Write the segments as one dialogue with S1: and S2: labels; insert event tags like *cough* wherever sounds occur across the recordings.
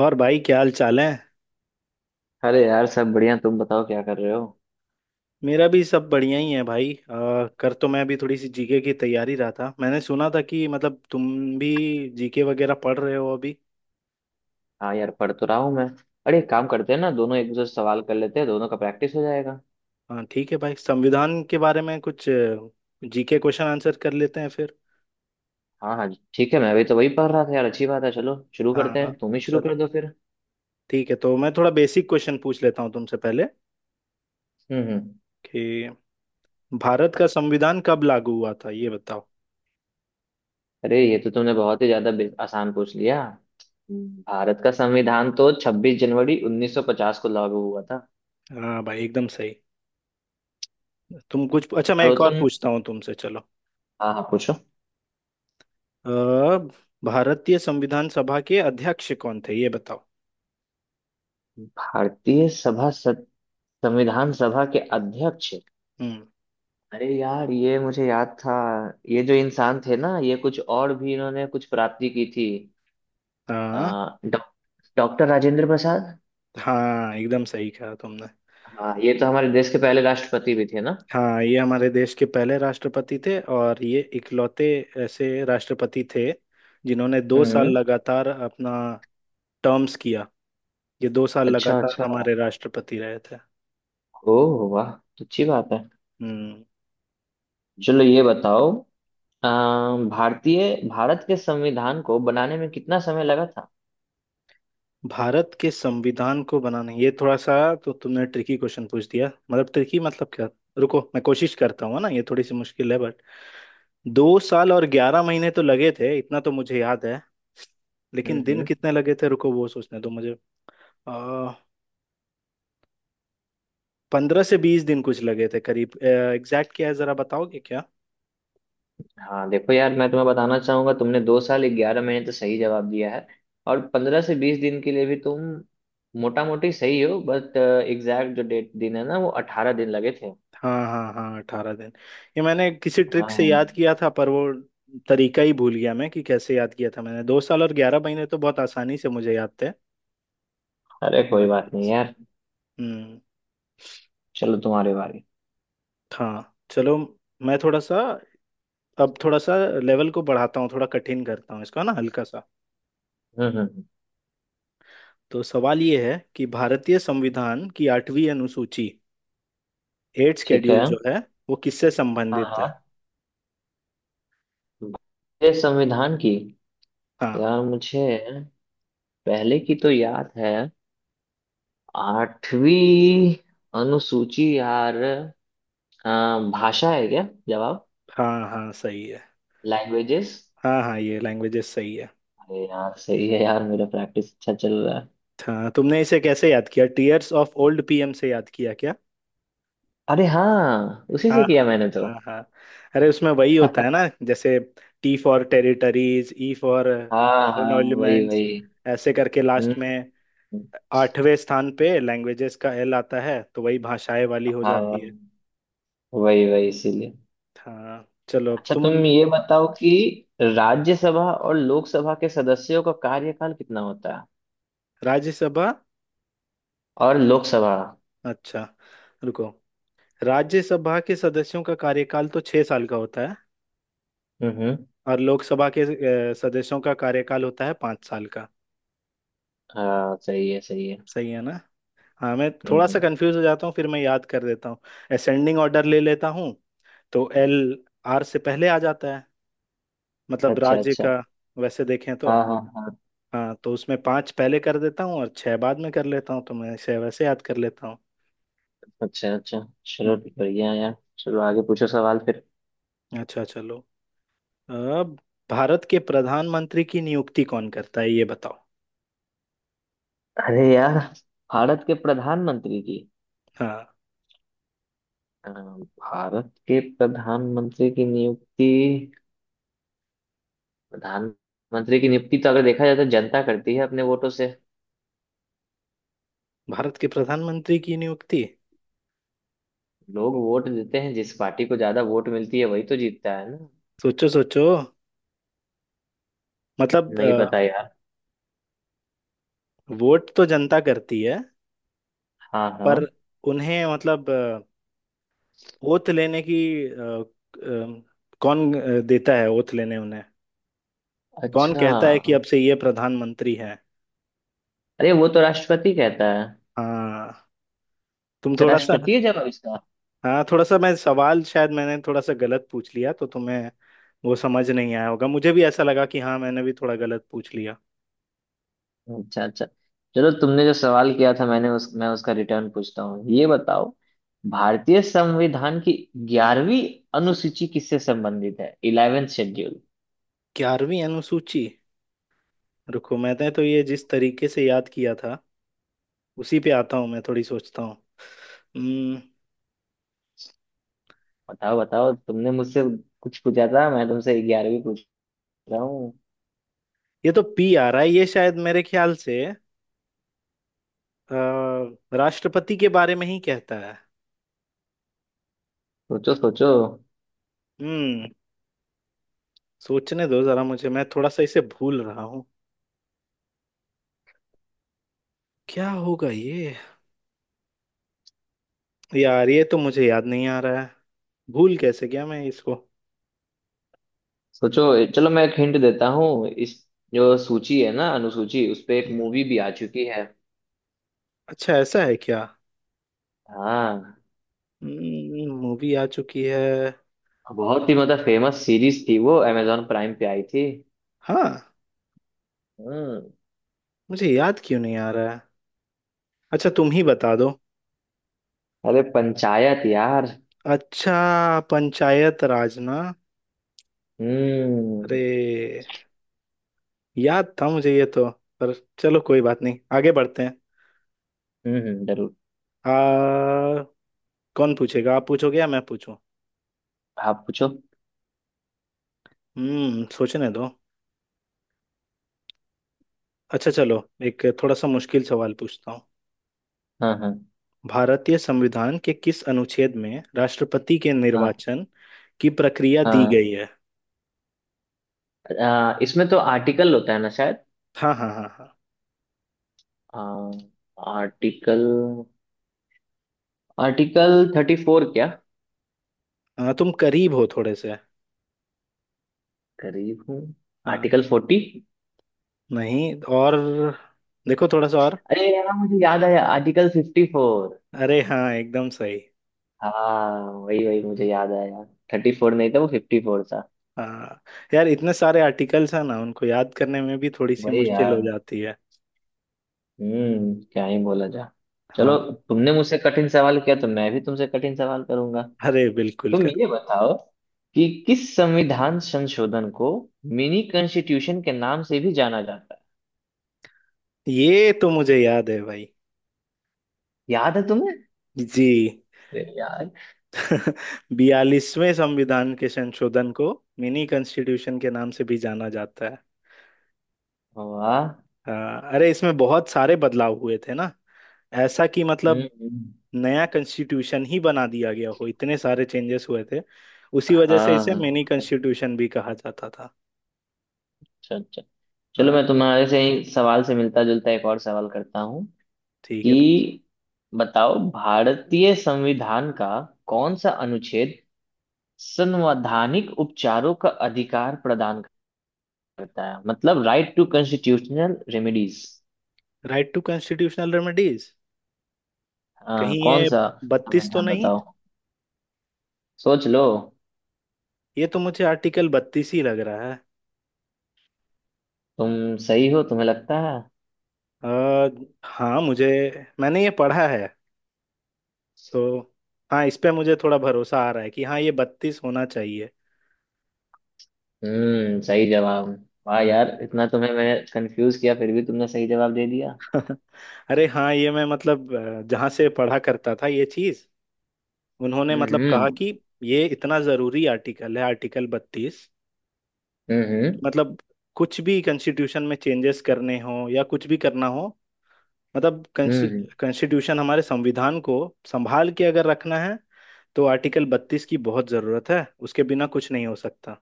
S1: और भाई, क्या हाल चाल है।
S2: अरे यार, सब बढ़िया। तुम बताओ क्या कर रहे हो?
S1: मेरा भी सब बढ़िया ही है भाई। कर तो मैं अभी थोड़ी सी जीके की तैयारी रहा था। मैंने सुना था कि मतलब तुम भी जीके वगैरह पढ़ रहे हो अभी।
S2: हाँ यार, पढ़ तो रहा हूँ मैं। अरे एक काम करते हैं ना, दोनों एक दूसरे से सवाल कर लेते हैं, दोनों का प्रैक्टिस हो जाएगा।
S1: हाँ ठीक है भाई, संविधान के बारे में कुछ जीके क्वेश्चन आंसर कर लेते हैं फिर।
S2: हाँ हाँ। ठीक है, मैं अभी तो वही पढ़ रहा था यार। अच्छी बात है, चलो शुरू करते
S1: हाँ।
S2: हैं। तुम ही शुरू
S1: चलो।
S2: कर दो फिर।
S1: ठीक है, तो मैं थोड़ा बेसिक क्वेश्चन पूछ लेता हूँ तुमसे पहले
S2: हम्म। हम्म।
S1: कि भारत का संविधान कब लागू हुआ था ये बताओ।
S2: अरे ये तो तुमने बहुत ही ज्यादा आसान पूछ लिया। भारत का संविधान तो 26 जनवरी 1950 को लागू हुआ था।
S1: हाँ भाई, एकदम सही। तुम कुछ अच्छा, मैं
S2: चलो
S1: एक और
S2: तुम।
S1: पूछता हूँ तुमसे। चलो।
S2: हाँ हाँ, पूछो।
S1: अ, भारतीय संविधान सभा के अध्यक्ष कौन थे ये बताओ।
S2: भारतीय सभा सत- संविधान सभा के अध्यक्ष।
S1: हम्म।
S2: अरे यार, ये मुझे याद था। ये जो इंसान थे ना, ये कुछ और भी इन्होंने कुछ प्राप्ति की थी। आ,
S1: हाँ
S2: डॉ- डॉक्टर राजेंद्र प्रसाद।
S1: हाँ, एकदम सही कहा तुमने।
S2: हाँ, ये तो हमारे देश के पहले राष्ट्रपति भी थे ना।
S1: हाँ, ये हमारे देश के पहले राष्ट्रपति थे और ये इकलौते ऐसे राष्ट्रपति थे जिन्होंने 2 साल
S2: हम्म।
S1: लगातार अपना टर्म्स किया। ये 2 साल
S2: अच्छा
S1: लगातार
S2: अच्छा।
S1: हमारे राष्ट्रपति रहे थे।
S2: ओ। वाह। तो अच्छी बात है।
S1: हम्म।
S2: चलो, ये बताओ। आ, भारत के संविधान को बनाने में कितना समय लगा था?
S1: भारत के संविधान को बनाने, ये थोड़ा सा तो तुमने ट्रिकी क्वेश्चन पूछ दिया। मतलब ट्रिकी मतलब क्या। रुको, मैं कोशिश करता हूँ, है ना, ये थोड़ी सी मुश्किल है बट 2 साल और 11 महीने तो लगे थे, इतना तो मुझे याद है। लेकिन दिन
S2: हम्म।
S1: कितने लगे थे, रुको, वो सोचने दो मुझे। आ, 15 से 20 दिन कुछ लगे थे करीब, एग्जैक्ट क्या है जरा बताओगे क्या।
S2: हाँ देखो यार, मैं तुम्हें बताना चाहूंगा, तुमने 2 साल 11 महीने तो सही जवाब दिया है। और 15 से 20 दिन के लिए भी तुम मोटा मोटी सही हो, बट एग्जैक्ट जो डेट दिन है ना, वो 18 दिन लगे थे।
S1: हाँ हाँ हाँ, 18 दिन। ये मैंने किसी ट्रिक से
S2: हाँ।
S1: याद किया था पर वो तरीका ही भूल गया मैं कि कैसे याद किया था। मैंने 2 साल और 11 महीने तो बहुत आसानी से मुझे याद थे।
S2: अरे कोई
S1: बाकी।
S2: बात नहीं यार।
S1: हम्म।
S2: चलो, तुम्हारी बारी।
S1: हाँ। चलो। मैं थोड़ा सा अब थोड़ा सा लेवल को बढ़ाता हूँ, थोड़ा कठिन करता हूँ इसका ना, हल्का सा।
S2: हम्म। हम्म। हम्म।
S1: तो सवाल ये है कि भारतीय संविधान की आठवीं अनुसूची, एट
S2: ठीक है।
S1: शेड्यूल जो है वो किससे
S2: हाँ
S1: संबंधित
S2: हाँ।
S1: है।
S2: ये संविधान की।
S1: हाँ
S2: यार मुझे पहले की तो याद है। आठवीं अनुसूची यार। अ, भाषा है क्या जवाब?
S1: हाँ हाँ, सही है।
S2: लैंग्वेजेस।
S1: हाँ हाँ, ये लैंग्वेजेस सही है।
S2: अरे यार सही है यार, मेरा प्रैक्टिस अच्छा चल रहा है।
S1: हाँ, तुमने इसे कैसे याद किया? टीयर्स ऑफ ओल्ड पीएम से याद किया क्या?
S2: अरे हाँ, उसी
S1: हाँ
S2: से किया
S1: हाँ
S2: मैंने तो।
S1: हाँ हाँ। अरे उसमें वही होता है ना, जैसे T for territories, E for
S2: हाँ हाँ, वही
S1: एलिमेंट्स,
S2: वही।
S1: ऐसे करके
S2: हम्म।
S1: लास्ट में आठवें स्थान पे लैंग्वेजेस का एल आता है तो वही भाषाएं वाली हो
S2: हाँ,
S1: जाती है।
S2: वही वही, इसीलिए।
S1: हाँ चलो, अब
S2: अच्छा,
S1: तुम।
S2: तुम ये बताओ कि राज्यसभा और लोकसभा के सदस्यों का कार्यकाल कितना होता है?
S1: राज्यसभा।
S2: और लोकसभा।
S1: अच्छा, रुको। राज्यसभा के सदस्यों का कार्यकाल तो 6 साल का होता है।
S2: हम्म। हम्म।
S1: और लोकसभा के सदस्यों का कार्यकाल होता है 5 साल का।
S2: हाँ, सही है सही है।
S1: सही है ना। हाँ, मैं
S2: हम्म।
S1: थोड़ा सा
S2: हम्म।
S1: कंफ्यूज हो जाता हूँ फिर, मैं याद कर देता हूँ असेंडिंग ऑर्डर ले लेता हूँ। तो एल आर से पहले आ जाता है, मतलब
S2: अच्छा
S1: राज्य का,
S2: अच्छा।
S1: वैसे देखें तो।
S2: हाँ हाँ हाँ।
S1: हाँ, तो उसमें पांच पहले कर देता हूँ और छह बाद में कर लेता हूँ तो मैं इसे वैसे याद कर लेता हूँ।
S2: अच्छा अच्छा। चलो
S1: हम्म,
S2: बढ़िया है यार, चलो आगे पूछो सवाल फिर।
S1: अच्छा चलो, अब। भारत के प्रधानमंत्री की नियुक्ति कौन करता है ये बताओ।
S2: अरे यार। भारत के प्रधानमंत्री की।
S1: हाँ,
S2: भारत के प्रधानमंत्री की नियुक्ति। प्रधानमंत्री की नियुक्ति तो अगर देखा जाए तो जनता करती है अपने वोटों से।
S1: भारत के प्रधानमंत्री की नियुक्ति।
S2: लोग वोट देते हैं, जिस पार्टी को ज्यादा वोट मिलती है वही तो जीतता है ना।
S1: सोचो सोचो, मतलब।
S2: नहीं पता यार।
S1: वोट तो जनता करती है
S2: हाँ हाँ।
S1: पर उन्हें, मतलब, ओथ लेने की, अ, अ, कौन देता है ओथ लेने उन्हें। कौन
S2: अच्छा।
S1: कहता है कि अब से ये प्रधानमंत्री हैं।
S2: अरे वो तो राष्ट्रपति कहता है।
S1: हाँ, तुम
S2: अच्छा,
S1: थोड़ा सा।
S2: राष्ट्रपति है जवाब इसका।
S1: हाँ, थोड़ा सा मैं सवाल शायद मैंने थोड़ा सा गलत पूछ लिया तो तुम्हें वो समझ नहीं आया होगा। मुझे भी ऐसा लगा कि हाँ, मैंने भी थोड़ा गलत पूछ लिया।
S2: अच्छा अच्छा। चलो, तुमने जो सवाल किया था, मैं उसका रिटर्न पूछता हूँ। ये बताओ, भारतीय संविधान की 11वीं अनुसूची किससे संबंधित है, 11th शेड्यूल?
S1: 11वीं अनुसूची। रुको, मैंने तो ये जिस तरीके से याद किया था उसी पे आता हूँ, मैं थोड़ी सोचता हूँ। हम्म,
S2: बताओ बताओ, तुमने मुझसे कुछ पूछा था, मैं तुमसे 11वीं पूछ रहा हूँ।
S1: ये तो पी आ रहा है, ये शायद मेरे ख्याल से अ, राष्ट्रपति के बारे में ही कहता है।
S2: सोचो सोचो।
S1: हम्म सोचने दो जरा मुझे, मैं थोड़ा सा इसे भूल रहा हूँ। क्या होगा ये। यार ये तो मुझे याद नहीं आ रहा है। भूल कैसे गया मैं इसको।
S2: सोचो, चलो मैं एक हिंट देता हूँ। इस जो सूची है ना, अनुसूची, उस पे एक
S1: हम्म,
S2: मूवी भी आ चुकी है।
S1: अच्छा ऐसा है क्या।
S2: हाँ।
S1: मूवी आ चुकी है।
S2: बहुत ही मतलब फेमस सीरीज थी, वो amazon प्राइम पे आई थी।
S1: हाँ,
S2: हम्म।
S1: मुझे याद क्यों नहीं आ रहा है। अच्छा, तुम ही बता दो।
S2: अरे पंचायत यार।
S1: अच्छा, पंचायत राज ना।
S2: हम्म।
S1: अरे, याद था मुझे ये तो, पर चलो कोई बात नहीं आगे बढ़ते हैं।
S2: हम्म। जरूर।
S1: आ, कौन पूछेगा, आप पूछोगे या मैं पूछूं।
S2: आप पूछो।
S1: सोचने दो। अच्छा चलो, एक थोड़ा सा मुश्किल सवाल पूछता हूँ।
S2: हाँ हाँ
S1: भारतीय संविधान के किस अनुच्छेद में राष्ट्रपति के
S2: हाँ
S1: निर्वाचन की प्रक्रिया दी
S2: हाँ।
S1: गई है?
S2: इसमें तो आर्टिकल होता है ना शायद।
S1: हाँ हाँ हाँ हाँ।
S2: आर्टिकल आर्टिकल 34 क्या?
S1: हाँ, तुम करीब हो थोड़े से।
S2: करीब हूँ।
S1: हाँ।
S2: आर्टिकल 40।
S1: नहीं। और देखो थोड़ा सा और।
S2: अरे यार मुझे याद आया, आर्टिकल 54।
S1: अरे हाँ, एकदम सही।
S2: हाँ वही वही, मुझे याद आया। 34 नहीं था, वो 54 था।
S1: हाँ यार, इतने सारे आर्टिकल्स हैं ना, उनको याद करने में भी थोड़ी सी
S2: वही
S1: मुश्किल हो
S2: यार।
S1: जाती है।
S2: हम्म, क्या ही बोला जा। चलो,
S1: हाँ।
S2: तुमने मुझसे कठिन सवाल किया तो मैं भी तुमसे कठिन सवाल करूंगा।
S1: अरे बिल्कुल
S2: तुम
S1: कर।
S2: ये बताओ कि किस संविधान संशोधन को मिनी कॉन्स्टिट्यूशन के नाम से भी जाना जाता है?
S1: ये तो मुझे याद है भाई।
S2: याद है तुम्हें?
S1: जी।
S2: अरे यार।
S1: 42वें संविधान के संशोधन को मिनी कॉन्स्टिट्यूशन के नाम से भी जाना जाता है।
S2: वाह।
S1: हाँ, अरे इसमें बहुत सारे बदलाव हुए थे ना, ऐसा कि
S2: हम्म।
S1: मतलब
S2: हम्म।
S1: नया कॉन्स्टिट्यूशन ही बना दिया गया हो, इतने सारे चेंजेस हुए थे उसी वजह से
S2: हाँ
S1: इसे
S2: हाँ।
S1: मिनी
S2: हाँ।
S1: कॉन्स्टिट्यूशन भी कहा जाता था।
S2: अच्छा अच्छा। चलो,
S1: हाँ
S2: मैं तुम्हारे से ही सवाल से मिलता जुलता एक और सवाल करता हूँ।
S1: ठीक है।
S2: कि बताओ, भारतीय संविधान का कौन सा अनुच्छेद संवैधानिक उपचारों का अधिकार प्रदान करता है, मतलब right to constitutional remedies?
S1: Right to constitutional remedies.
S2: हाँ,
S1: कहीं
S2: कौन
S1: ये
S2: सा?
S1: 32 तो
S2: संविधान
S1: नहीं।
S2: बताओ। सोच लो।
S1: ये तो मुझे आर्टिकल 32 ही लग रहा है।
S2: तुम सही हो, तुम्हें लगता है?
S1: आ, हाँ मुझे, मैंने ये पढ़ा है तो। हाँ, इस पे मुझे थोड़ा भरोसा आ रहा है कि हाँ ये 32 होना चाहिए।
S2: हम्म, सही जवाब। वाह
S1: हाँ।
S2: यार, इतना तुम्हें मैं कंफ्यूज किया फिर भी तुमने सही जवाब दे दिया।
S1: *laughs* अरे हाँ, ये मैं मतलब जहाँ से पढ़ा करता था ये चीज, उन्होंने
S2: हम्म।
S1: मतलब कहा
S2: हम्म।
S1: कि ये इतना जरूरी आर्टिकल है, आर्टिकल 32।
S2: हम्म।
S1: मतलब कुछ भी कॉन्स्टिट्यूशन में चेंजेस करने हो या कुछ भी करना हो, मतलब।
S2: हम्म। हम्म।
S1: कॉन्स्टिट्यूशन हमारे संविधान को संभाल के अगर रखना है तो आर्टिकल 32 की बहुत जरूरत है, उसके बिना कुछ नहीं हो सकता।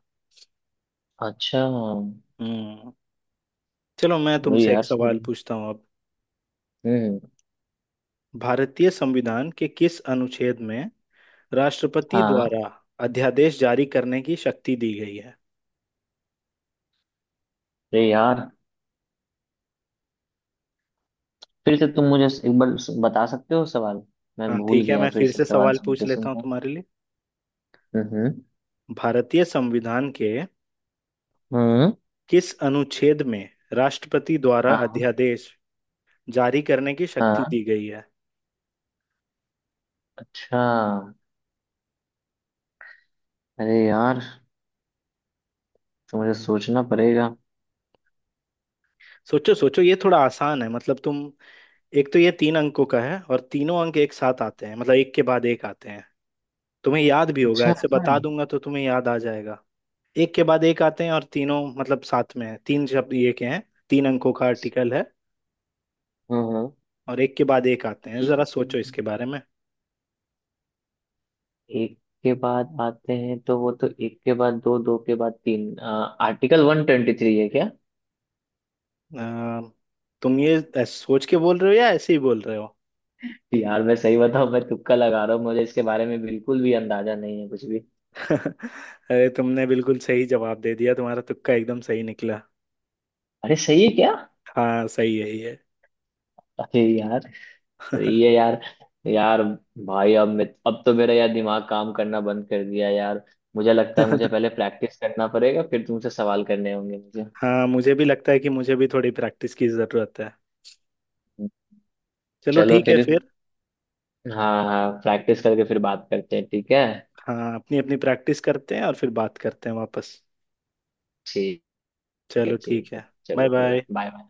S2: अच्छा,
S1: हम्म चलो, मैं
S2: चलो
S1: तुमसे एक
S2: यार सही
S1: सवाल
S2: है।
S1: पूछता हूँ।
S2: हम्म।
S1: भारतीय संविधान के किस अनुच्छेद में राष्ट्रपति
S2: हाँ।
S1: द्वारा अध्यादेश जारी करने की शक्ति दी गई है?
S2: अरे यार, फिर से तुम मुझे एक बार बता सकते हो सवाल? मैं
S1: हाँ
S2: भूल
S1: ठीक है,
S2: गया,
S1: मैं
S2: फिर
S1: फिर
S2: से
S1: से
S2: सवाल
S1: सवाल पूछ
S2: सुनते
S1: लेता हूँ
S2: सुनते।
S1: तुम्हारे लिए।
S2: हम्म।
S1: भारतीय संविधान के
S2: हम्म।
S1: किस अनुच्छेद में राष्ट्रपति द्वारा
S2: हाँ।
S1: अध्यादेश जारी करने की शक्ति
S2: हाँ।
S1: दी गई है?
S2: अच्छा। अरे यार, तो मुझे सोचना पड़ेगा।
S1: सोचो सोचो, ये थोड़ा आसान है, मतलब तुम। एक तो ये तीन अंकों का है और तीनों अंक एक साथ आते हैं, मतलब एक के बाद एक आते हैं। तुम्हें याद भी होगा,
S2: अच्छा,
S1: ऐसे
S2: ऐसा है?
S1: बता दूंगा तो तुम्हें याद आ जाएगा। एक के बाद एक आते हैं और तीनों मतलब साथ में है, तीन शब्द ये के हैं। तीन अंकों का आर्टिकल है।
S2: हाँ हाँ।
S1: और एक के बाद एक आते हैं, जरा सोचो
S2: हम्म,
S1: इसके बारे में।
S2: एक के बाद आते हैं, तो वो तो एक के बाद दो, दो के बाद तीन। आर्टिकल 123 है क्या?
S1: अ, तुम ये सोच के बोल रहे हो या ऐसे ही बोल रहे हो।
S2: यार मैं सही बताऊं, मैं तुक्का लगा रहा हूँ, मुझे इसके बारे में बिल्कुल भी अंदाजा नहीं है कुछ भी।
S1: *laughs* अरे, तुमने बिल्कुल सही जवाब दे दिया, तुम्हारा तुक्का एकदम सही निकला।
S2: अरे सही है।
S1: हाँ सही है ये।
S2: अरे यार। ये यार। यार। भाई अब मैं अब तो मेरा यार दिमाग काम करना बंद कर दिया यार। मुझे लगता है, मुझे पहले
S1: *laughs*
S2: प्रैक्टिस करना पड़ेगा, फिर तुमसे सवाल करने होंगे मुझे।
S1: हाँ, मुझे भी लगता है कि मुझे भी थोड़ी प्रैक्टिस की जरूरत है। चलो
S2: चलो
S1: ठीक है
S2: फिर।
S1: फिर।
S2: हाँ हाँ, प्रैक्टिस करके फिर बात करते हैं, ठीक है?
S1: हाँ, अपनी अपनी प्रैक्टिस करते हैं और फिर बात करते हैं वापस।
S2: ठीक है।
S1: चलो ठीक
S2: ठीक है,
S1: है। बाय
S2: चलो फिर, बाय
S1: बाय।
S2: बाय।